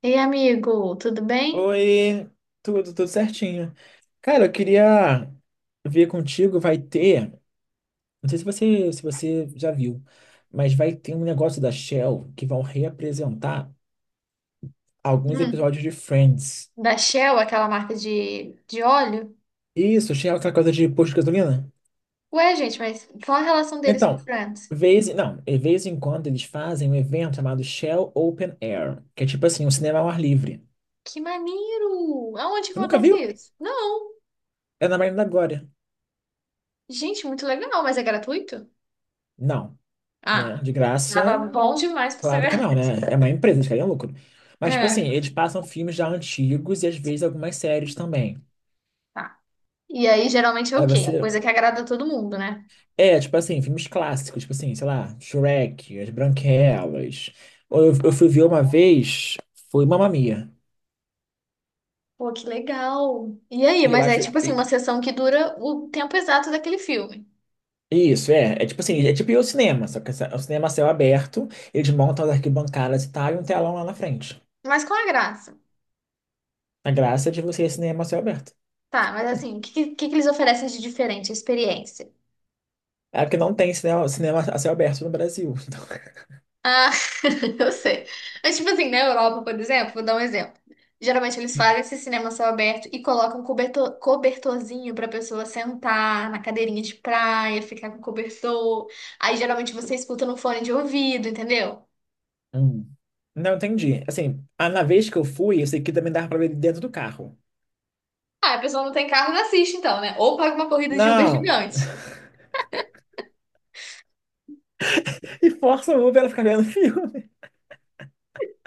Ei, amigo, tudo bem? Oi, tudo certinho. Cara, eu queria ver contigo, não sei se você já viu, mas vai ter um negócio da Shell que vão reapresentar alguns Hum, episódios de Friends. Da Shell, aquela marca de óleo? Isso, Shell, é aquela coisa de posto de gasolina? Ué, gente, mas qual a relação deles com o Então, Friends? vez, não, de vez em quando eles fazem um evento chamado Shell Open Air, que é tipo assim, um cinema ao ar livre. Que maneiro! Aonde que Você nunca acontece viu? isso? Não! É na Marina da Glória. Gente, muito legal, mas é gratuito? Não, né? Ah, De graça. tava bom demais pra ser Claro que não, verdade. né? É uma empresa, eles querem lucro. Mas, tipo É, assim, eles passam filmes já antigos e às vezes algumas séries também. tá. E aí, geralmente é o Aí você. quê? Coisa que agrada todo mundo, né? É, tipo assim, filmes clássicos, tipo assim, sei lá, Shrek, As Branquelas. Ou eu fui ver uma vez, foi Mamma Mia. Pô, que legal! E aí, E eu mas é acho. tipo assim, uma sessão que dura o tempo exato daquele filme. Isso, é. É tipo assim, é tipo ir ao cinema, só que é o cinema a céu aberto, eles montam as arquibancadas e tal, e um telão lá na frente. Mas qual é a graça? A graça é de você ir ao cinema a céu aberto. Tá, mas assim, o que eles oferecem de diferente? Experiência. É porque não tem cinema a céu aberto no Brasil. Então. Eu sei. Mas, tipo assim, na Europa, por exemplo, vou dar um exemplo. Geralmente eles fazem esse cinema a céu aberto e colocam um cobertor, cobertorzinho pra pessoa sentar na cadeirinha de praia, ficar com cobertor. Aí geralmente você escuta no fone de ouvido, entendeu? Hum. Não entendi. Assim, na vez que eu fui, eu sei que também dava pra ver dentro do carro. Ah, a pessoa não tem carro, não assiste então, né? Ou paga uma corrida de Uber Não! gigante. E força o Uber a ficar vendo filme.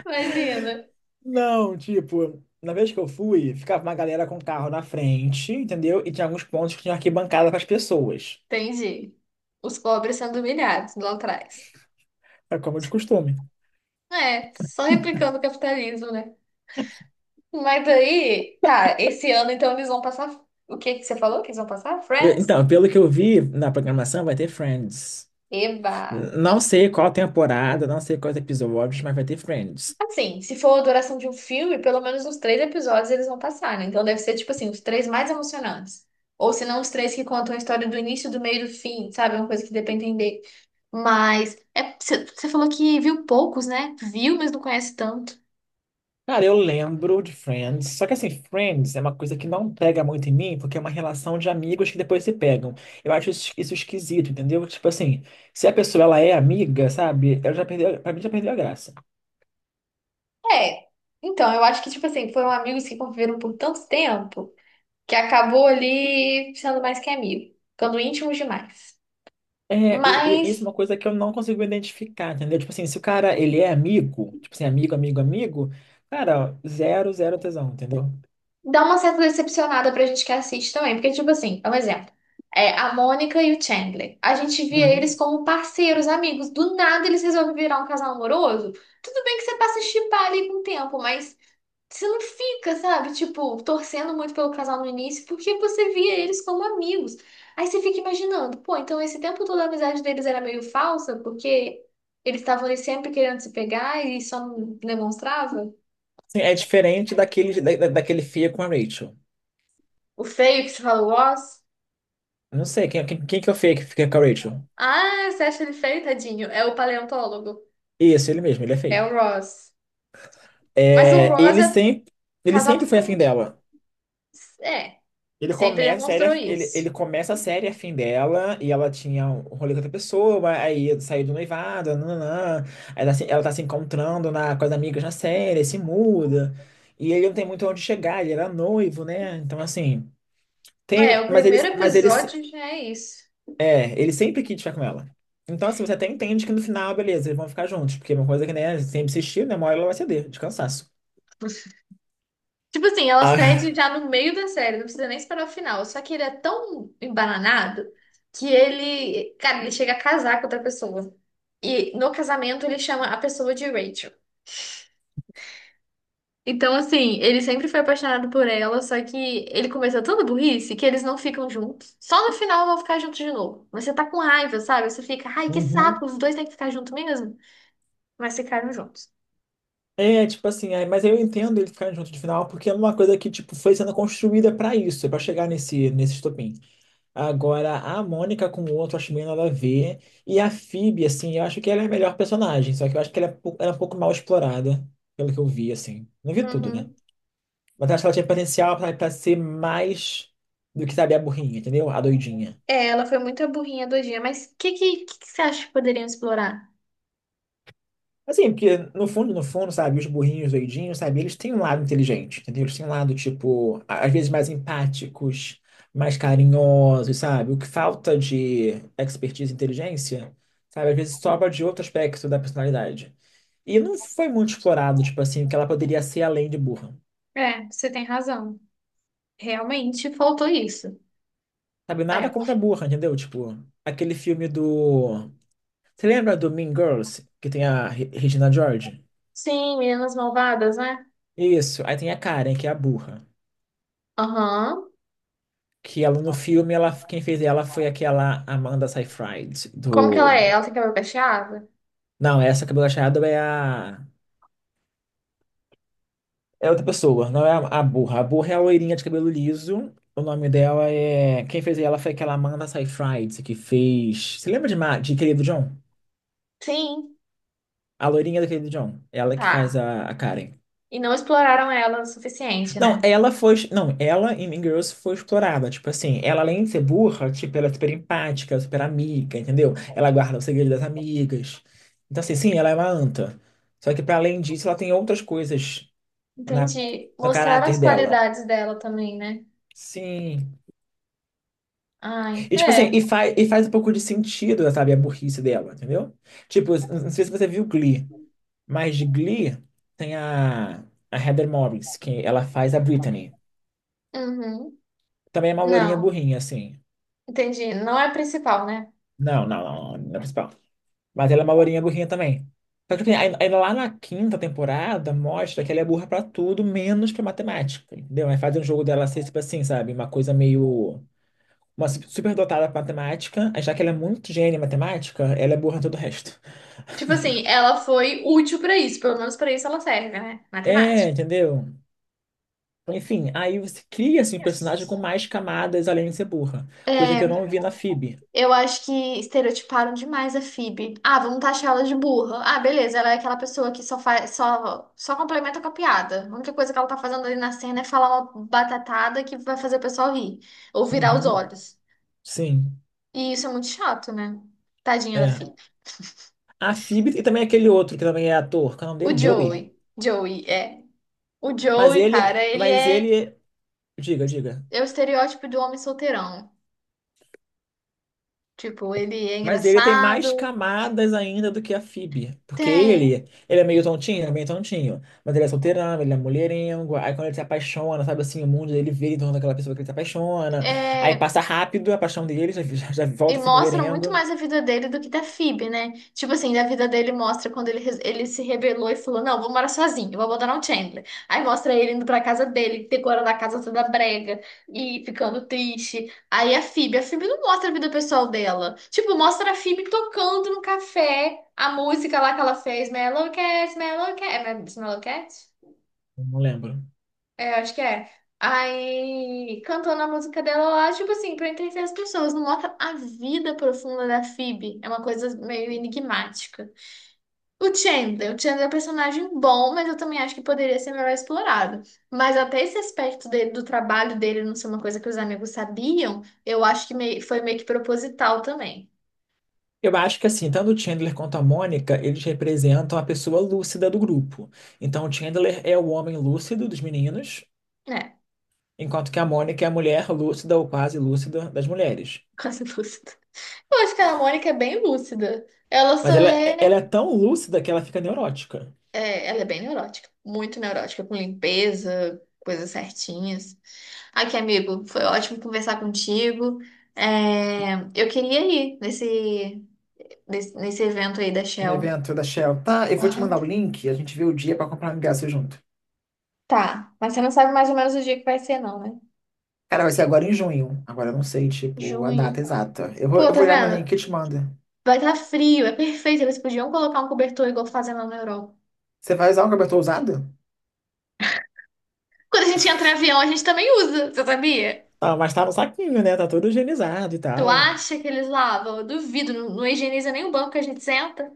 Imagina. Não, tipo, na vez que eu fui, ficava uma galera com o carro na frente, entendeu? E tinha alguns pontos que tinha arquibancada para as pessoas. Entendi. Os pobres sendo humilhados lá atrás. É como de costume. É, só replicando o capitalismo, né? Mas aí, tá, esse ano então eles vão passar. O que que você falou que eles vão passar? Friends? Então, pelo que eu vi na programação, vai ter Friends. Eva! Não Nossa. sei qual temporada, não sei quais episódios, mas vai ter Friends. Assim, se for a duração de um filme, pelo menos uns três episódios eles vão passar, né? Então deve ser, tipo assim, os três mais emocionantes. Ou se não, os três que contam a história do início, do meio e do fim, sabe? Uma coisa que dê pra entender. Mas, é, você falou que viu poucos, né? Viu, mas não conhece tanto. Cara, eu lembro de Friends, só que assim, Friends é uma coisa que não pega muito em mim, porque é uma relação de amigos que depois se pegam. Eu acho isso esquisito, entendeu? Tipo assim, se a pessoa ela é amiga, sabe? Ela já perdeu, pra mim já perdeu a graça. É. Então, eu acho que, tipo assim, foram amigos que conviveram por tanto tempo, que acabou ali sendo mais que amigo, ficando íntimo demais. É, isso é Mas uma coisa que eu não consigo identificar, entendeu? Tipo assim, se o cara, ele é amigo, tipo assim, amigo, amigo, amigo, cara, zero, zero tesão, entendeu? dá uma certa decepcionada pra gente que assiste também, porque, tipo assim, é um exemplo. É, a Mônica e o Chandler. A gente via eles Uhum. como parceiros, amigos. Do nada eles resolvem virar um casal amoroso. Tudo bem que você passa a shippar ali com o tempo, mas você não fica, sabe? Tipo, torcendo muito pelo casal no início, porque você via eles como amigos. Aí você fica imaginando, pô, então esse tempo todo a amizade deles era meio falsa, porque eles estavam ali sempre querendo se pegar e só não demonstrava. Sim, é diferente daquele feio com a Rachel. O feio que você fala, o Ross? Eu não sei, quem que é o feio que fica com a Rachel? Ah, você acha ele feio, tadinho? É o paleontólogo. Isso, ele mesmo, ele é É o feio. Ross. Mas o É, Ross ele é sempre, ele casal sempre foi afim totalmente. dela. É, Ele sempre começa a demonstrou série, ele, ele isso. começa a série afim dela e ela tinha um rolê com outra pessoa, aí saiu do noivado, nananã, aí ela tá se encontrando com as amigas na série, se muda, e ele não tem muito onde chegar, ele era noivo, né? Então, assim, É, tem, o mas primeiro eles, mas eles, episódio já é isso. é, ele sempre quis ficar com ela. Então, assim, você até entende que no final, beleza, eles vão ficar juntos, porque é uma coisa que, né, sempre insistiu, né, uma hora ela vai ceder, de cansaço. Tipo assim, ela cede Ah. já no meio da série, não precisa nem esperar o final. Só que ele é tão embananado que ele, cara, ele chega a casar com outra pessoa. E no casamento ele chama a pessoa de Rachel. Então, assim, ele sempre foi apaixonado por ela, só que ele começou tanta burrice que eles não ficam juntos. Só no final vão ficar juntos de novo. Mas você tá com raiva, sabe? Você fica, ai, que saco, os dois têm que ficar juntos mesmo. Mas ficaram juntos. É, tipo assim, mas eu entendo ele ficar junto de final, porque é uma coisa que, tipo, foi sendo construída pra isso, pra chegar nesse estopim. Agora, a Mônica com o outro, eu acho meio nada a ver. E a Phoebe, assim, eu acho que ela é a melhor personagem, só que eu acho que ela é um pouco mal explorada, pelo que eu vi, assim. Não vi tudo, né? Uhum. Mas eu acho que ela tinha potencial pra ser mais do que, sabe, a burrinha, entendeu? A doidinha. É, ela foi muito a burrinha do dia, mas o que você acha que poderiam explorar? Assim, porque no fundo, no fundo, sabe, os burrinhos, doidinhos, sabe, eles têm um lado inteligente, entendeu? Eles têm um lado, tipo, às vezes mais empáticos, mais carinhosos, sabe? O que falta de expertise e inteligência, sabe, às vezes sobra de outro aspecto da personalidade. E não foi muito explorado, tipo assim, que ela poderia ser além de burra. É, você tem razão. Realmente faltou isso. Sabe, nada É. contra a burra, entendeu? Tipo, aquele filme do... Você lembra do Mean Girls, que tem a Regina George? Sim, Meninas Malvadas, né? Isso, aí tem a Karen, que é a burra. Aham. Que ela no filme, ela, quem fez ela foi aquela Amanda Seyfried Como que ela do. é? Ela tem cabelo cacheado? Não, essa cabelo achado é a. É outra pessoa, não é a burra. A burra é a loirinha de cabelo liso. O nome dela é. Quem fez ela foi aquela Amanda Seyfried que fez. Você lembra de, de Querido John? Sim. A loirinha do Querido John. Ela que faz Tá. a Karen. E não exploraram ela o suficiente, Não, né? ela foi. Não, ela em Mean Girls foi explorada. Tipo assim, ela além de ser burra, tipo, ela é super empática, super amiga, entendeu? Ela guarda o segredo das amigas. Então, assim, sim, ela é uma anta. Só que, para além disso, ela tem outras coisas na, Entendi. no Mostraram caráter as dela. qualidades dela também, né? Sim. Ai, E, tipo é. assim, e faz um pouco de sentido, sabe, a burrice dela, entendeu? Tipo, não sei se você viu Glee, mas de Glee tem a Heather Morris, que ela faz a Brittany. Uhum. Também é uma lourinha Não. burrinha, assim. Entendi. Não é a principal, né? Não, não, não, não é a principal. Mas ela é uma lourinha burrinha também. Só que assim, aí lá na quinta temporada mostra que ela é burra pra tudo, menos pra matemática, entendeu? Aí fazem um jogo dela ser, tipo assim, sabe? Uma coisa meio. Uma superdotada pra matemática, aí já que ela é muito gênia em matemática, ela é burra em todo o resto. Tipo assim, ela foi útil pra isso. Pelo menos pra isso ela serve, né? É, Matemática. entendeu? Enfim, aí você cria, assim, um personagem com mais camadas além de ser burra. Coisa que eu É. não vi na Phoebe. Eu acho que estereotiparam demais a Phoebe. Ah, vamos taxar ela de burra. Ah, beleza, ela é aquela pessoa que só complementa com a piada. A única coisa que ela tá fazendo ali na cena é falar uma batatada que vai fazer o pessoal rir ou virar os Uhum, olhos. sim, E isso é muito chato, né? Tadinha da é. Phoebe. A Phoebe e também aquele outro que também é ator, qual é o nome O dele? Joey? Joey, Joey é. O Mas Joey, ele, cara, ele mas é, ele, diga, diga. é o estereótipo do homem solteirão. Tipo, ele é Mas ele tem mais engraçado, camadas ainda do que a Phoebe. Porque tem. ele é meio tontinho, é meio tontinho. Mas ele é solteirão, ele é mulherengo. Aí quando ele se apaixona, sabe assim, o mundo dele vira em torno daquela pessoa que ele se apaixona. Aí É, passa rápido a paixão dele, já, já, já e volta a ser mostra muito mulherengo. mais a vida dele do que da Phoebe, né? Tipo assim, a vida dele mostra quando ele, ele se rebelou e falou: Não, vou morar sozinho, vou abandonar o Chandler. Aí mostra ele indo pra casa dele, decorando a casa toda brega e ficando triste. Aí a Phoebe não mostra a vida pessoal dela. Tipo, mostra a Phoebe tocando no café a música lá que ela fez: Melow Cat, Melow Cat. É Melow Cat? Não lembro. É, acho que é. Aí, cantando a música dela lá, tipo assim, pra entreter as pessoas, não mostra a vida profunda da Phoebe. É uma coisa meio enigmática. O Chandler é um personagem bom, mas eu também acho que poderia ser melhor explorado. Mas até esse aspecto dele, do trabalho dele não ser uma coisa que os amigos sabiam, eu acho que foi meio que proposital também. Eu acho que assim, tanto o Chandler quanto a Mônica, eles representam a pessoa lúcida do grupo. Então, o Chandler é o homem lúcido dos meninos, É, enquanto que a Mônica é a mulher lúcida ou quase lúcida das mulheres. quase lúcido. Eu acho que a Mônica é bem lúcida. Ela só Mas ela, é, ela né. é tão lúcida que ela fica neurótica. É, ela é bem neurótica, muito neurótica, com limpeza, coisas certinhas. Aqui, amigo, foi ótimo conversar contigo. É, eu queria ir nesse evento aí da No Shell. evento da Shell. Tá, eu vou te mandar o Aham. link, a gente vê o dia pra comprar um ingresso junto. Tá, mas você não sabe mais ou menos o dia que vai ser, não, né? Cara, vai ser agora em junho. Agora eu não sei, tipo, a Junho. data exata. Eu vou, Pô, eu tá vou olhar no vendo? link e te mando. Vai estar frio, é perfeito. Eles podiam colocar um cobertor igual fazem lá na Europa. Você vai usar um cobertor usado? Quando a gente entra em avião, a gente também usa, você sabia? Ah, mas tá no saquinho, né? Tá todo higienizado e Tu tal. acha que eles lavam? Eu duvido, não, não higieniza nem o banco que a gente senta.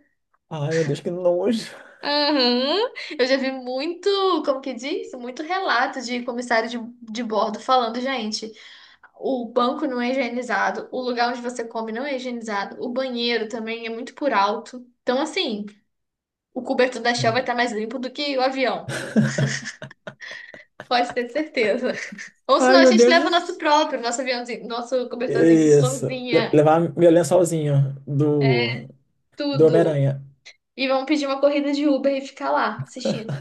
Ai, meu Deus, que nojo. Aham. Eu já vi muito, como que diz? Muito relato de comissário de bordo falando, gente, o banco não é higienizado, o lugar onde você come não é higienizado, o banheiro também é muito por alto. Então, assim, o cobertor da Shell vai Meu- estar mais limpo do que o avião. Pode ter certeza. Ou senão Ai, a meu gente Deus. leva o nosso próprio, nosso aviãozinho, nosso cobertorzinho, Isso. Florzinha, Levar meu lençolzinho do tudo. Homem-Aranha. E vamos pedir uma corrida de Uber e ficar lá assistindo.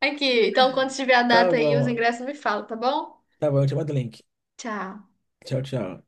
Aqui, então quando tiver a Tá data aí, os bom. ingressos me falam, tá bom? Tá bom, eu te mando o link. Tchau. Tchau, tchau.